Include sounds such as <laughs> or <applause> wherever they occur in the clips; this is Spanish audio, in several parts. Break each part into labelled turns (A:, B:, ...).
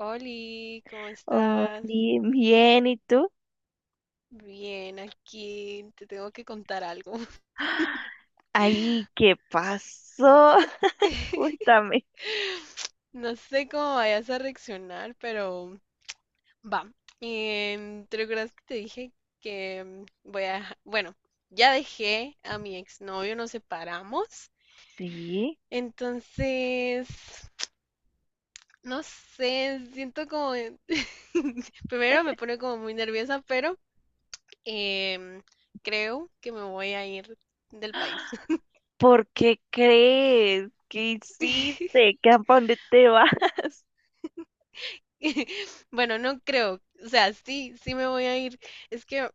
A: Oli, ¿cómo
B: Oh,
A: estás?
B: bien, bien, ¿y tú?
A: Bien, aquí te tengo que contar algo.
B: ¡Ah! Ay, ¿qué pasó? <laughs>
A: <laughs>
B: Cuéntame.
A: No sé cómo vayas a reaccionar, pero va. ¿Te recuerdas que te dije que voy a... Bueno, ya dejé a mi exnovio, nos separamos.
B: Sí,
A: Entonces, no sé, siento como... <laughs> Primero me pone como muy nerviosa, pero em, creo que me voy a ir del país.
B: ¿por qué crees? ¿Qué hiciste?
A: <laughs>
B: ¿Qué, a dónde te vas? <laughs>
A: Bueno, no creo. O sea, sí, sí me voy a ir. Es que,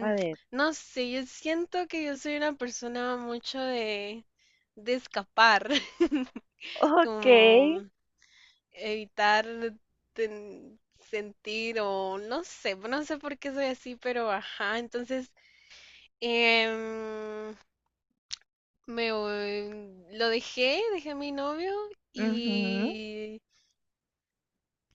B: A ver.
A: no sé, yo siento que yo soy una persona mucho de escapar, <laughs>
B: Ok.
A: como evitar sentir o no sé, no sé por qué soy así, pero ajá, entonces em, lo dejé, dejé a mi novio
B: Ujú.
A: y...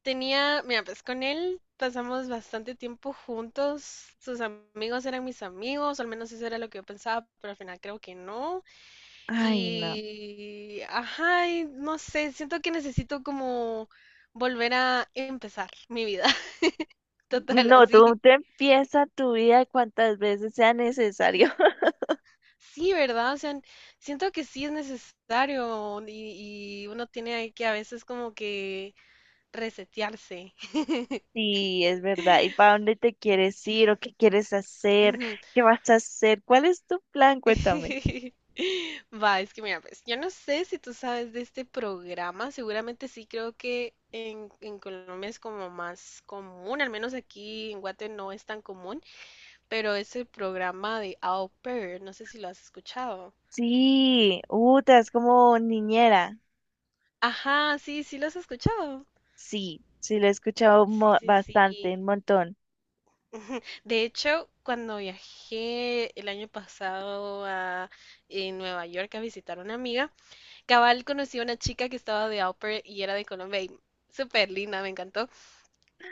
A: Tenía, mira, pues con él pasamos bastante tiempo juntos. Sus amigos eran mis amigos, al menos eso era lo que yo pensaba, pero al final creo que no.
B: Ay, no.
A: Y, ajá, y no sé, siento que necesito como volver a empezar mi vida <laughs> total
B: No, tú
A: así.
B: te empieza tu vida cuantas veces sea necesario. <laughs>
A: Sí, ¿verdad? O sea, siento que sí es necesario y uno tiene que a veces como que resetearse.
B: Sí, es verdad. ¿Y para dónde te quieres ir o qué quieres hacer?
A: <laughs>
B: ¿Qué vas a hacer? ¿Cuál es tu plan? Cuéntame.
A: <laughs> Va, es que mira, pues yo no sé si tú sabes de este programa, seguramente sí, creo que en Colombia es como más común, al menos aquí en Guate no es tan común, pero es el programa de Au Pair, no sé si lo has escuchado.
B: Sí, Uta, es como niñera.
A: Ajá, sí, sí lo has escuchado.
B: Sí, sí, lo he escuchado
A: Sí, sí,
B: bastante,
A: sí.
B: un montón.
A: De hecho, cuando viajé el año pasado a en Nueva York a visitar a una amiga, cabal conocí a una chica que estaba de au pair y era de Colombia y súper linda, me encantó.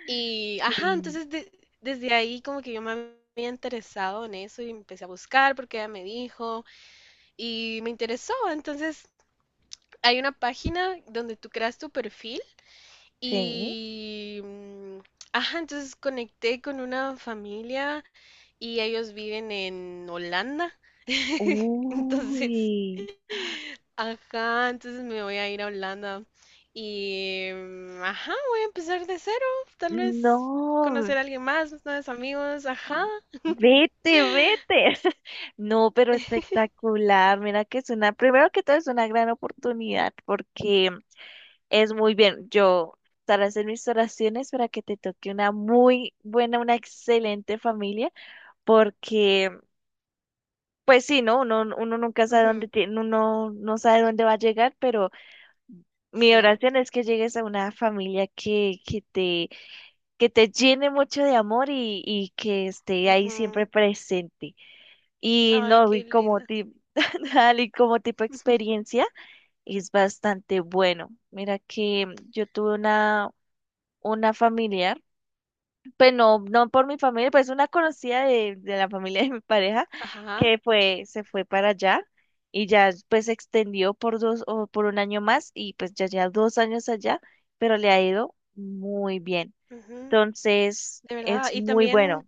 A: Y, ajá,
B: Sí.
A: desde ahí como que yo me había interesado en eso y empecé a buscar porque ella me dijo y me interesó. Entonces hay una página donde tú creas tu perfil
B: Sí.
A: y, ajá, entonces conecté con una familia y ellos viven en Holanda. <laughs> Entonces,
B: Uy,
A: ajá, entonces me voy a ir a Holanda y, ajá, voy a empezar de cero, tal vez
B: no,
A: conocer a alguien más, nuevos amigos, ajá.
B: vete, vete. <laughs> No, pero
A: <laughs>
B: espectacular. Mira que es una, primero que todo es una gran oportunidad porque es muy bien. Yo estaré hacer mis oraciones para que te toque una muy buena, una excelente familia, porque pues sí, ¿no? Uno, uno nunca sabe dónde
A: Ujú,
B: tiene, uno no sabe dónde va a llegar, pero mi oración
A: cierto.
B: es que llegues a una familia que te llene mucho de amor y que esté ahí
A: Ujú.
B: siempre presente. Y
A: Ay,
B: no,
A: qué
B: y como
A: linda.
B: tipo, <laughs> y como tipo
A: <laughs>
B: experiencia, es bastante bueno. Mira que yo tuve una familiar, pues no, no por mi familia, pues una conocida de la familia de mi pareja,
A: Ajá,
B: que fue, se fue para allá y ya pues se extendió por 2 o por 1 año más y pues ya lleva 2 años allá, pero le ha ido muy bien.
A: ujú,
B: Entonces,
A: de verdad.
B: es
A: Y
B: muy
A: también,
B: bueno.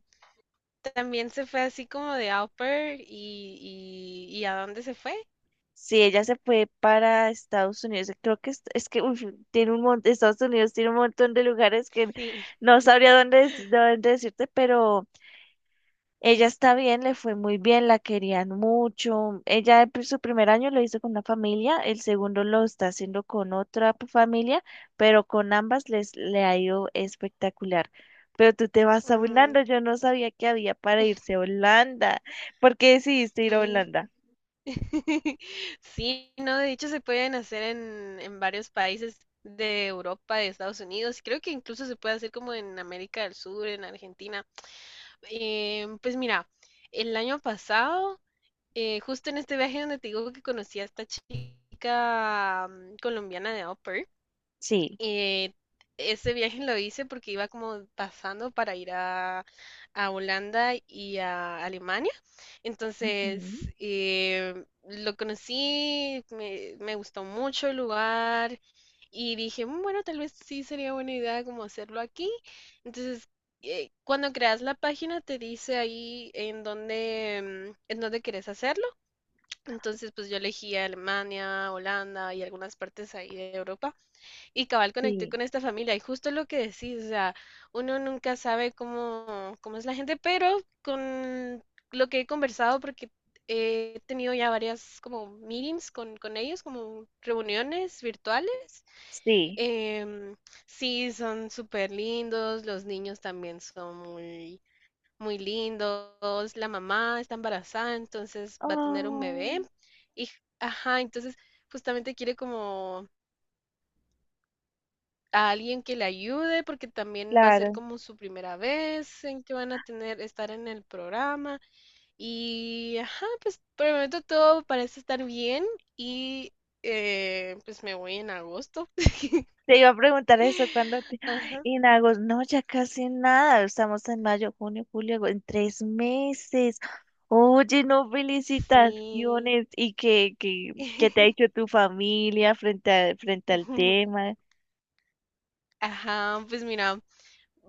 A: también se fue así como de au pair y ¿a dónde se fue?
B: Si ella se fue para Estados Unidos, creo que es que uf, tiene un montón, Estados Unidos tiene un montón de lugares que
A: Sí.
B: no sabría dónde, dónde decirte, pero ella está bien, le fue muy bien, la querían mucho. Ella pues, su primer año lo hizo con una familia, el segundo lo está haciendo con otra familia, pero con ambas les le ha ido espectacular. Pero tú te vas a
A: Mm,
B: Holanda, yo no sabía que había para irse a Holanda. ¿Por qué decidiste ir a
A: sí.
B: Holanda?
A: <laughs> Sí, no, de hecho se pueden hacer en varios países de Europa, de Estados Unidos, creo que incluso se puede hacer como en América del Sur, en Argentina. Pues mira, el año pasado, justo en este viaje donde te digo que conocí a esta chica colombiana de Upper,
B: Sí,
A: eh, ese viaje lo hice porque iba como pasando para ir a Holanda y a Alemania. Entonces,
B: ujú,
A: lo conocí, me gustó mucho el lugar y dije, bueno, tal vez sí sería buena idea como hacerlo aquí. Entonces, cuando creas la página te dice ahí en dónde, en dónde querés hacerlo. Entonces, pues yo elegí Alemania, Holanda y algunas partes ahí de Europa. Y cabal conecté
B: sí,
A: con esta familia, y justo lo que decís, o sea, uno nunca sabe cómo, cómo es la gente, pero con lo que he conversado, porque he tenido ya varias como meetings con ellos, como reuniones virtuales,
B: sí.
A: em, sí, son súper lindos, los niños también son muy, muy lindos, la mamá está embarazada, entonces va a tener un
B: Oh,
A: bebé, y, ajá, entonces justamente quiere como a alguien que le ayude, porque también va a ser
B: claro.
A: como su primera vez en que van a tener, estar en el programa. Y ajá, pues por el momento todo parece estar bien y pues me voy en agosto. <laughs>
B: Te iba a preguntar eso cuando te... <gasps>
A: Ajá,
B: Y en agosto, no, ya casi nada. Estamos en mayo, junio, julio, agosto, en 3 meses. Oye, no,
A: sí.
B: felicitaciones. ¿Y qué, qué, qué te ha dicho
A: <laughs>
B: tu familia frente frente al tema?
A: Ajá, pues mira,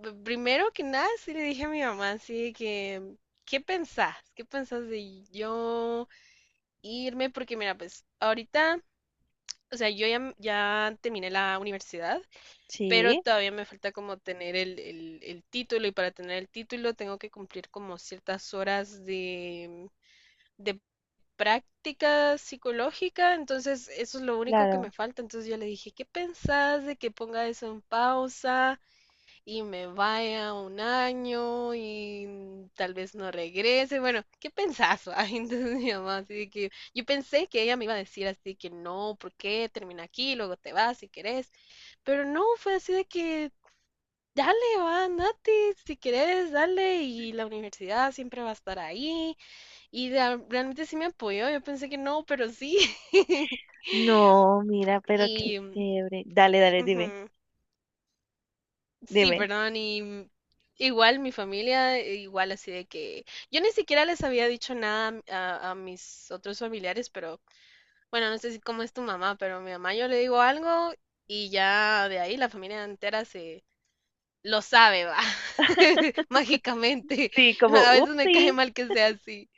A: primero que nada sí le dije a mi mamá así que, ¿qué pensás? ¿Qué pensás de yo irme? Porque mira, pues ahorita o sea, yo ya, ya terminé la universidad, pero
B: Sí,
A: todavía me falta como tener el título y para tener el título tengo que cumplir como ciertas horas de práctica psicológica, entonces eso es lo único que
B: claro.
A: me falta. Entonces yo le dije, ¿qué pensás de que ponga eso en pausa? Y me vaya un año y tal vez no regrese. Bueno, ¿qué pensás? ¿Va? <laughs> Entonces mi mamá, así de que yo pensé que ella me iba a decir así que no, ¿por qué? Termina aquí, luego te vas si querés. Pero no, fue así de que dale, va, andate, si querés, dale. Y la universidad siempre va a estar ahí. Realmente sí me apoyó. Yo pensé que no, pero sí. <laughs>
B: No, mira, pero qué
A: Y.
B: chévere. Dale, dale, dime,
A: Ujú. Sí,
B: dime.
A: perdón, y igual mi familia, igual así de que yo ni siquiera les había dicho nada a, a mis otros familiares, pero bueno, no sé si cómo es tu mamá, pero mi mamá yo le digo algo y ya de ahí la familia entera se lo sabe, va, <laughs>
B: <laughs>
A: mágicamente.
B: Sí, como,
A: A veces me cae
B: upsí.
A: mal que sea así.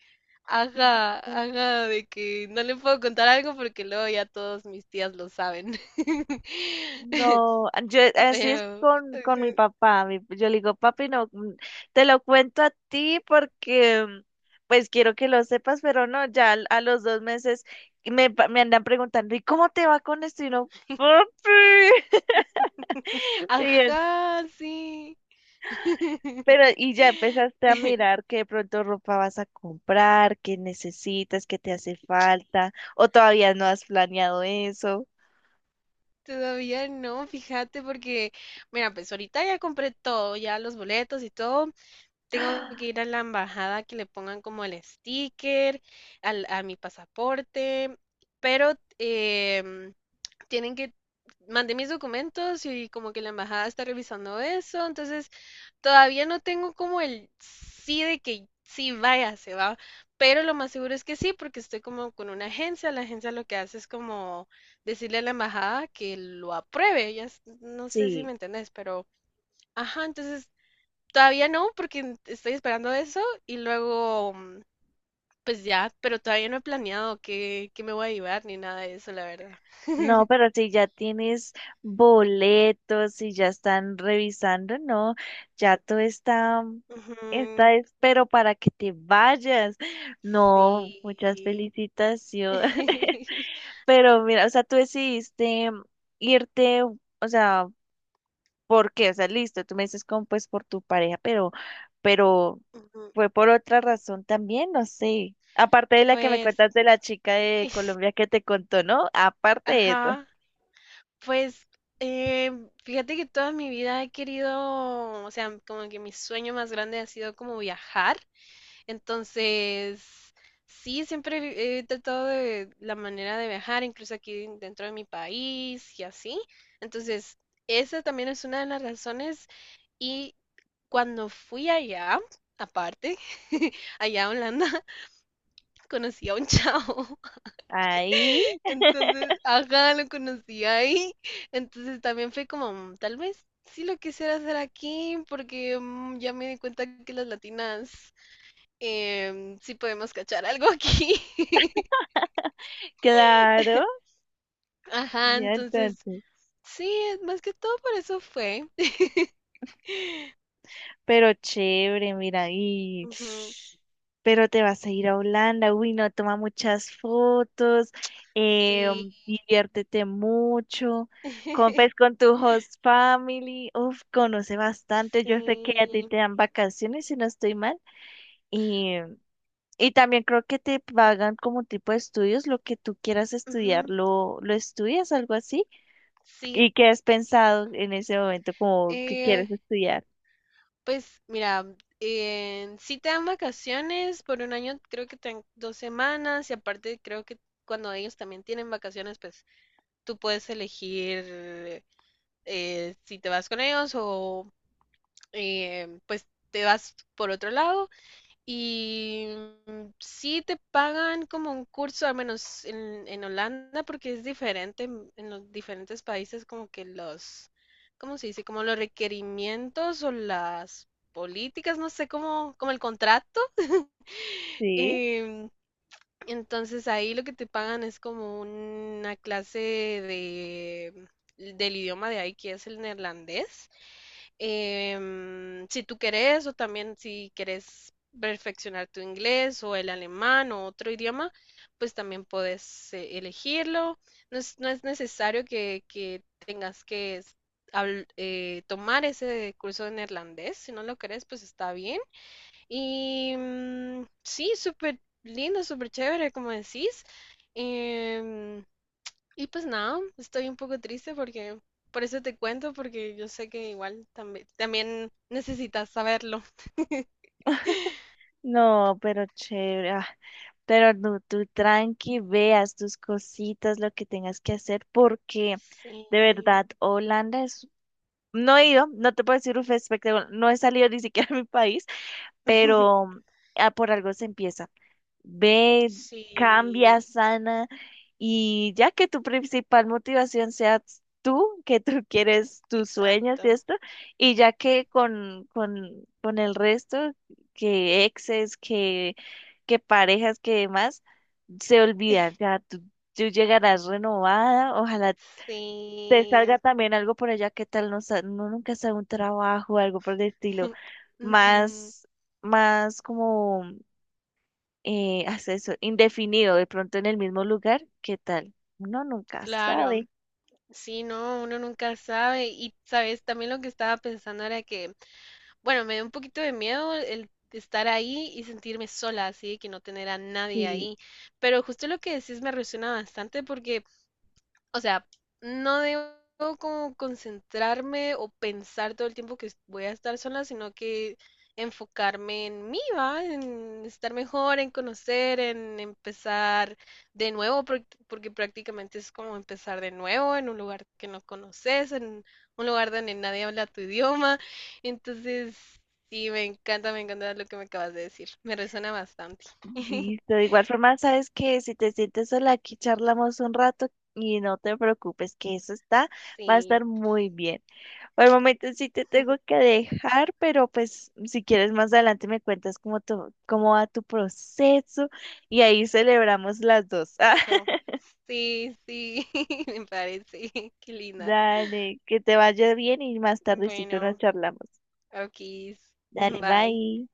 A: Ajá, ajá, de que no le puedo contar algo porque luego ya todos mis tías lo saben. <laughs>
B: No, yo así es
A: Pero...
B: con mi
A: ajá.
B: papá. Yo le digo, papi, no, te lo cuento a ti porque pues quiero que lo sepas, pero no, ya los 2 meses me, me andan preguntando, ¿y cómo te va con esto? Y no, papi. <laughs> Y él,
A: Ajá, sí.
B: pero,
A: <laughs>
B: ¿y ya empezaste a
A: <laughs>
B: mirar que de pronto ropa vas a comprar, qué necesitas, qué te hace falta, o todavía no has planeado eso?
A: Todavía no, fíjate, porque, mira, pues ahorita ya compré todo, ya los boletos y todo, tengo que
B: <gasps>
A: ir a la embajada que le pongan como el sticker a mi pasaporte, pero em, tienen que, mandé mis documentos y como que la embajada está revisando eso, entonces todavía no tengo como el sí de que sí vaya, se va, pero lo más seguro es que sí, porque estoy como con una agencia, la agencia lo que hace es como decirle a la embajada que lo apruebe, no sé si
B: Sí.
A: me entendés, pero... Ajá, entonces todavía no, porque estoy esperando eso y luego, pues ya, pero todavía no he planeado qué, qué me voy a llevar ni nada de eso, la verdad.
B: No,
A: <laughs>
B: pero si ya tienes boletos, si ya están revisando, no, ya todo está,
A: Ujú,
B: está, pero para que te vayas. No, muchas
A: sí.
B: felicitaciones. <laughs>
A: <laughs>
B: Pero mira, o sea, tú decidiste irte, o sea, porque, o sea, listo, tú me dices como pues por tu pareja, pero
A: Ujú,
B: fue por otra razón también, no sé. Aparte de la que me
A: pues,
B: cuentas de la chica de Colombia
A: <laughs>
B: que te contó, ¿no? Aparte de eso.
A: ajá, pues, fíjate que toda mi vida he querido, o sea, como que mi sueño más grande ha sido como viajar. Entonces, sí, siempre he tratado de la manera de viajar, incluso aquí dentro de mi país y así. Entonces, esa también es una de las razones. Y cuando fui allá, aparte, <laughs> allá a Holanda, <laughs> conocí a un chavo.
B: Ahí,
A: <laughs>
B: <laughs>
A: Entonces, ajá, lo conocí ahí. Entonces también fue como, tal vez sí lo quisiera hacer aquí, porque ya me di cuenta que las latinas si podemos cachar algo aquí. <laughs>
B: claro.
A: Ajá,
B: Ya
A: entonces,
B: entonces.
A: sí, es más que todo por eso fue.
B: Pero chévere, mira, y...
A: Ujú,
B: Pero te vas a ir a Holanda, uy, no, toma muchas fotos, eh,
A: sí,
B: diviértete mucho, compes
A: <laughs>
B: con tu host family, uf, conoce bastante, yo sé que a ti
A: sí,
B: te dan vacaciones, si no estoy mal, y, y también creo que te pagan como tipo de estudios, lo que tú quieras estudiar,
A: ujú,
B: lo estudias, algo así,
A: sí.
B: y qué has pensado en ese momento, como que
A: Eh,
B: quieres estudiar,
A: pues mira, sí te dan vacaciones por un año, creo que te dan dos semanas y aparte creo que cuando ellos también tienen vacaciones, pues tú puedes elegir si te vas con ellos o pues te vas por otro lado. Y sí te pagan como un curso, al menos en Holanda, porque es diferente en los diferentes países, como que los, ¿cómo se dice? Como los requerimientos o las políticas, no sé, como, como el contrato. <laughs>
B: ¿sí?
A: Em, entonces ahí lo que te pagan es como una clase de, del idioma de ahí, que es el neerlandés. Si tú querés, o también si querés perfeccionar tu inglés o el alemán o otro idioma, pues también puedes elegirlo. No es, no es necesario que tengas que tomar ese curso de neerlandés. Si no lo querés, pues está bien. Y sí, súper lindo, súper chévere, como decís. Em, y pues nada, estoy un poco triste porque por eso te cuento, porque yo sé que igual también, también necesitas saberlo.
B: No, pero chévere. Ah, pero no, tú tranqui, veas tus cositas, lo que tengas que hacer, porque de
A: Sí,
B: verdad, Holanda es... No he ido, no te puedo decir un espectáculo, no he salido ni siquiera a mi país, pero
A: <laughs>
B: ah, por algo se empieza, ve,
A: sí,
B: cambia, sana y ya que tu principal motivación sea tú, que tú <laughs> quieres tus sueños y
A: exacto.
B: esto, y ya que con el resto, que exes, que parejas, que demás, se olvida, ya tú llegarás renovada, ojalá te
A: Sí,
B: salga también algo por allá, qué tal, no, no nunca sea un trabajo, algo por el estilo,
A: <laughs> ujú,
B: más, más como <laughs> hasta eso, indefinido, de pronto en el mismo lugar, ¿qué tal? Uno nunca
A: claro.
B: sabe.
A: Sí, no, uno nunca sabe. Y sabes, también lo que estaba pensando era que, bueno, me dio un poquito de miedo el estar ahí y sentirme sola, así de que no tener a nadie
B: Sí,
A: ahí. Pero justo lo que decís me resuena bastante porque o sea, no debo como concentrarme o pensar todo el tiempo que voy a estar sola, sino que enfocarme en mí, ¿va? En estar mejor, en conocer, en empezar de nuevo, porque prácticamente es como empezar de nuevo en un lugar que no conoces, en un lugar donde nadie habla tu idioma. Entonces, sí, me encanta lo que me acabas de decir. Me resuena bastante. <laughs>
B: listo. De igual forma, sabes que si te sientes sola, aquí charlamos un rato y no te preocupes, que eso está, va a
A: Sí.
B: estar muy bien. Por el momento sí te tengo que dejar, pero pues si quieres más adelante me cuentas cómo, cómo va tu proceso y ahí celebramos las dos.
A: Fijo.
B: <laughs>
A: Sí, sí, <laughs> me parece. Qué linda.
B: Dale, que te vaya bien y más tardecito nos
A: Bueno,
B: charlamos.
A: ok.
B: Dale,
A: Bye.
B: bye.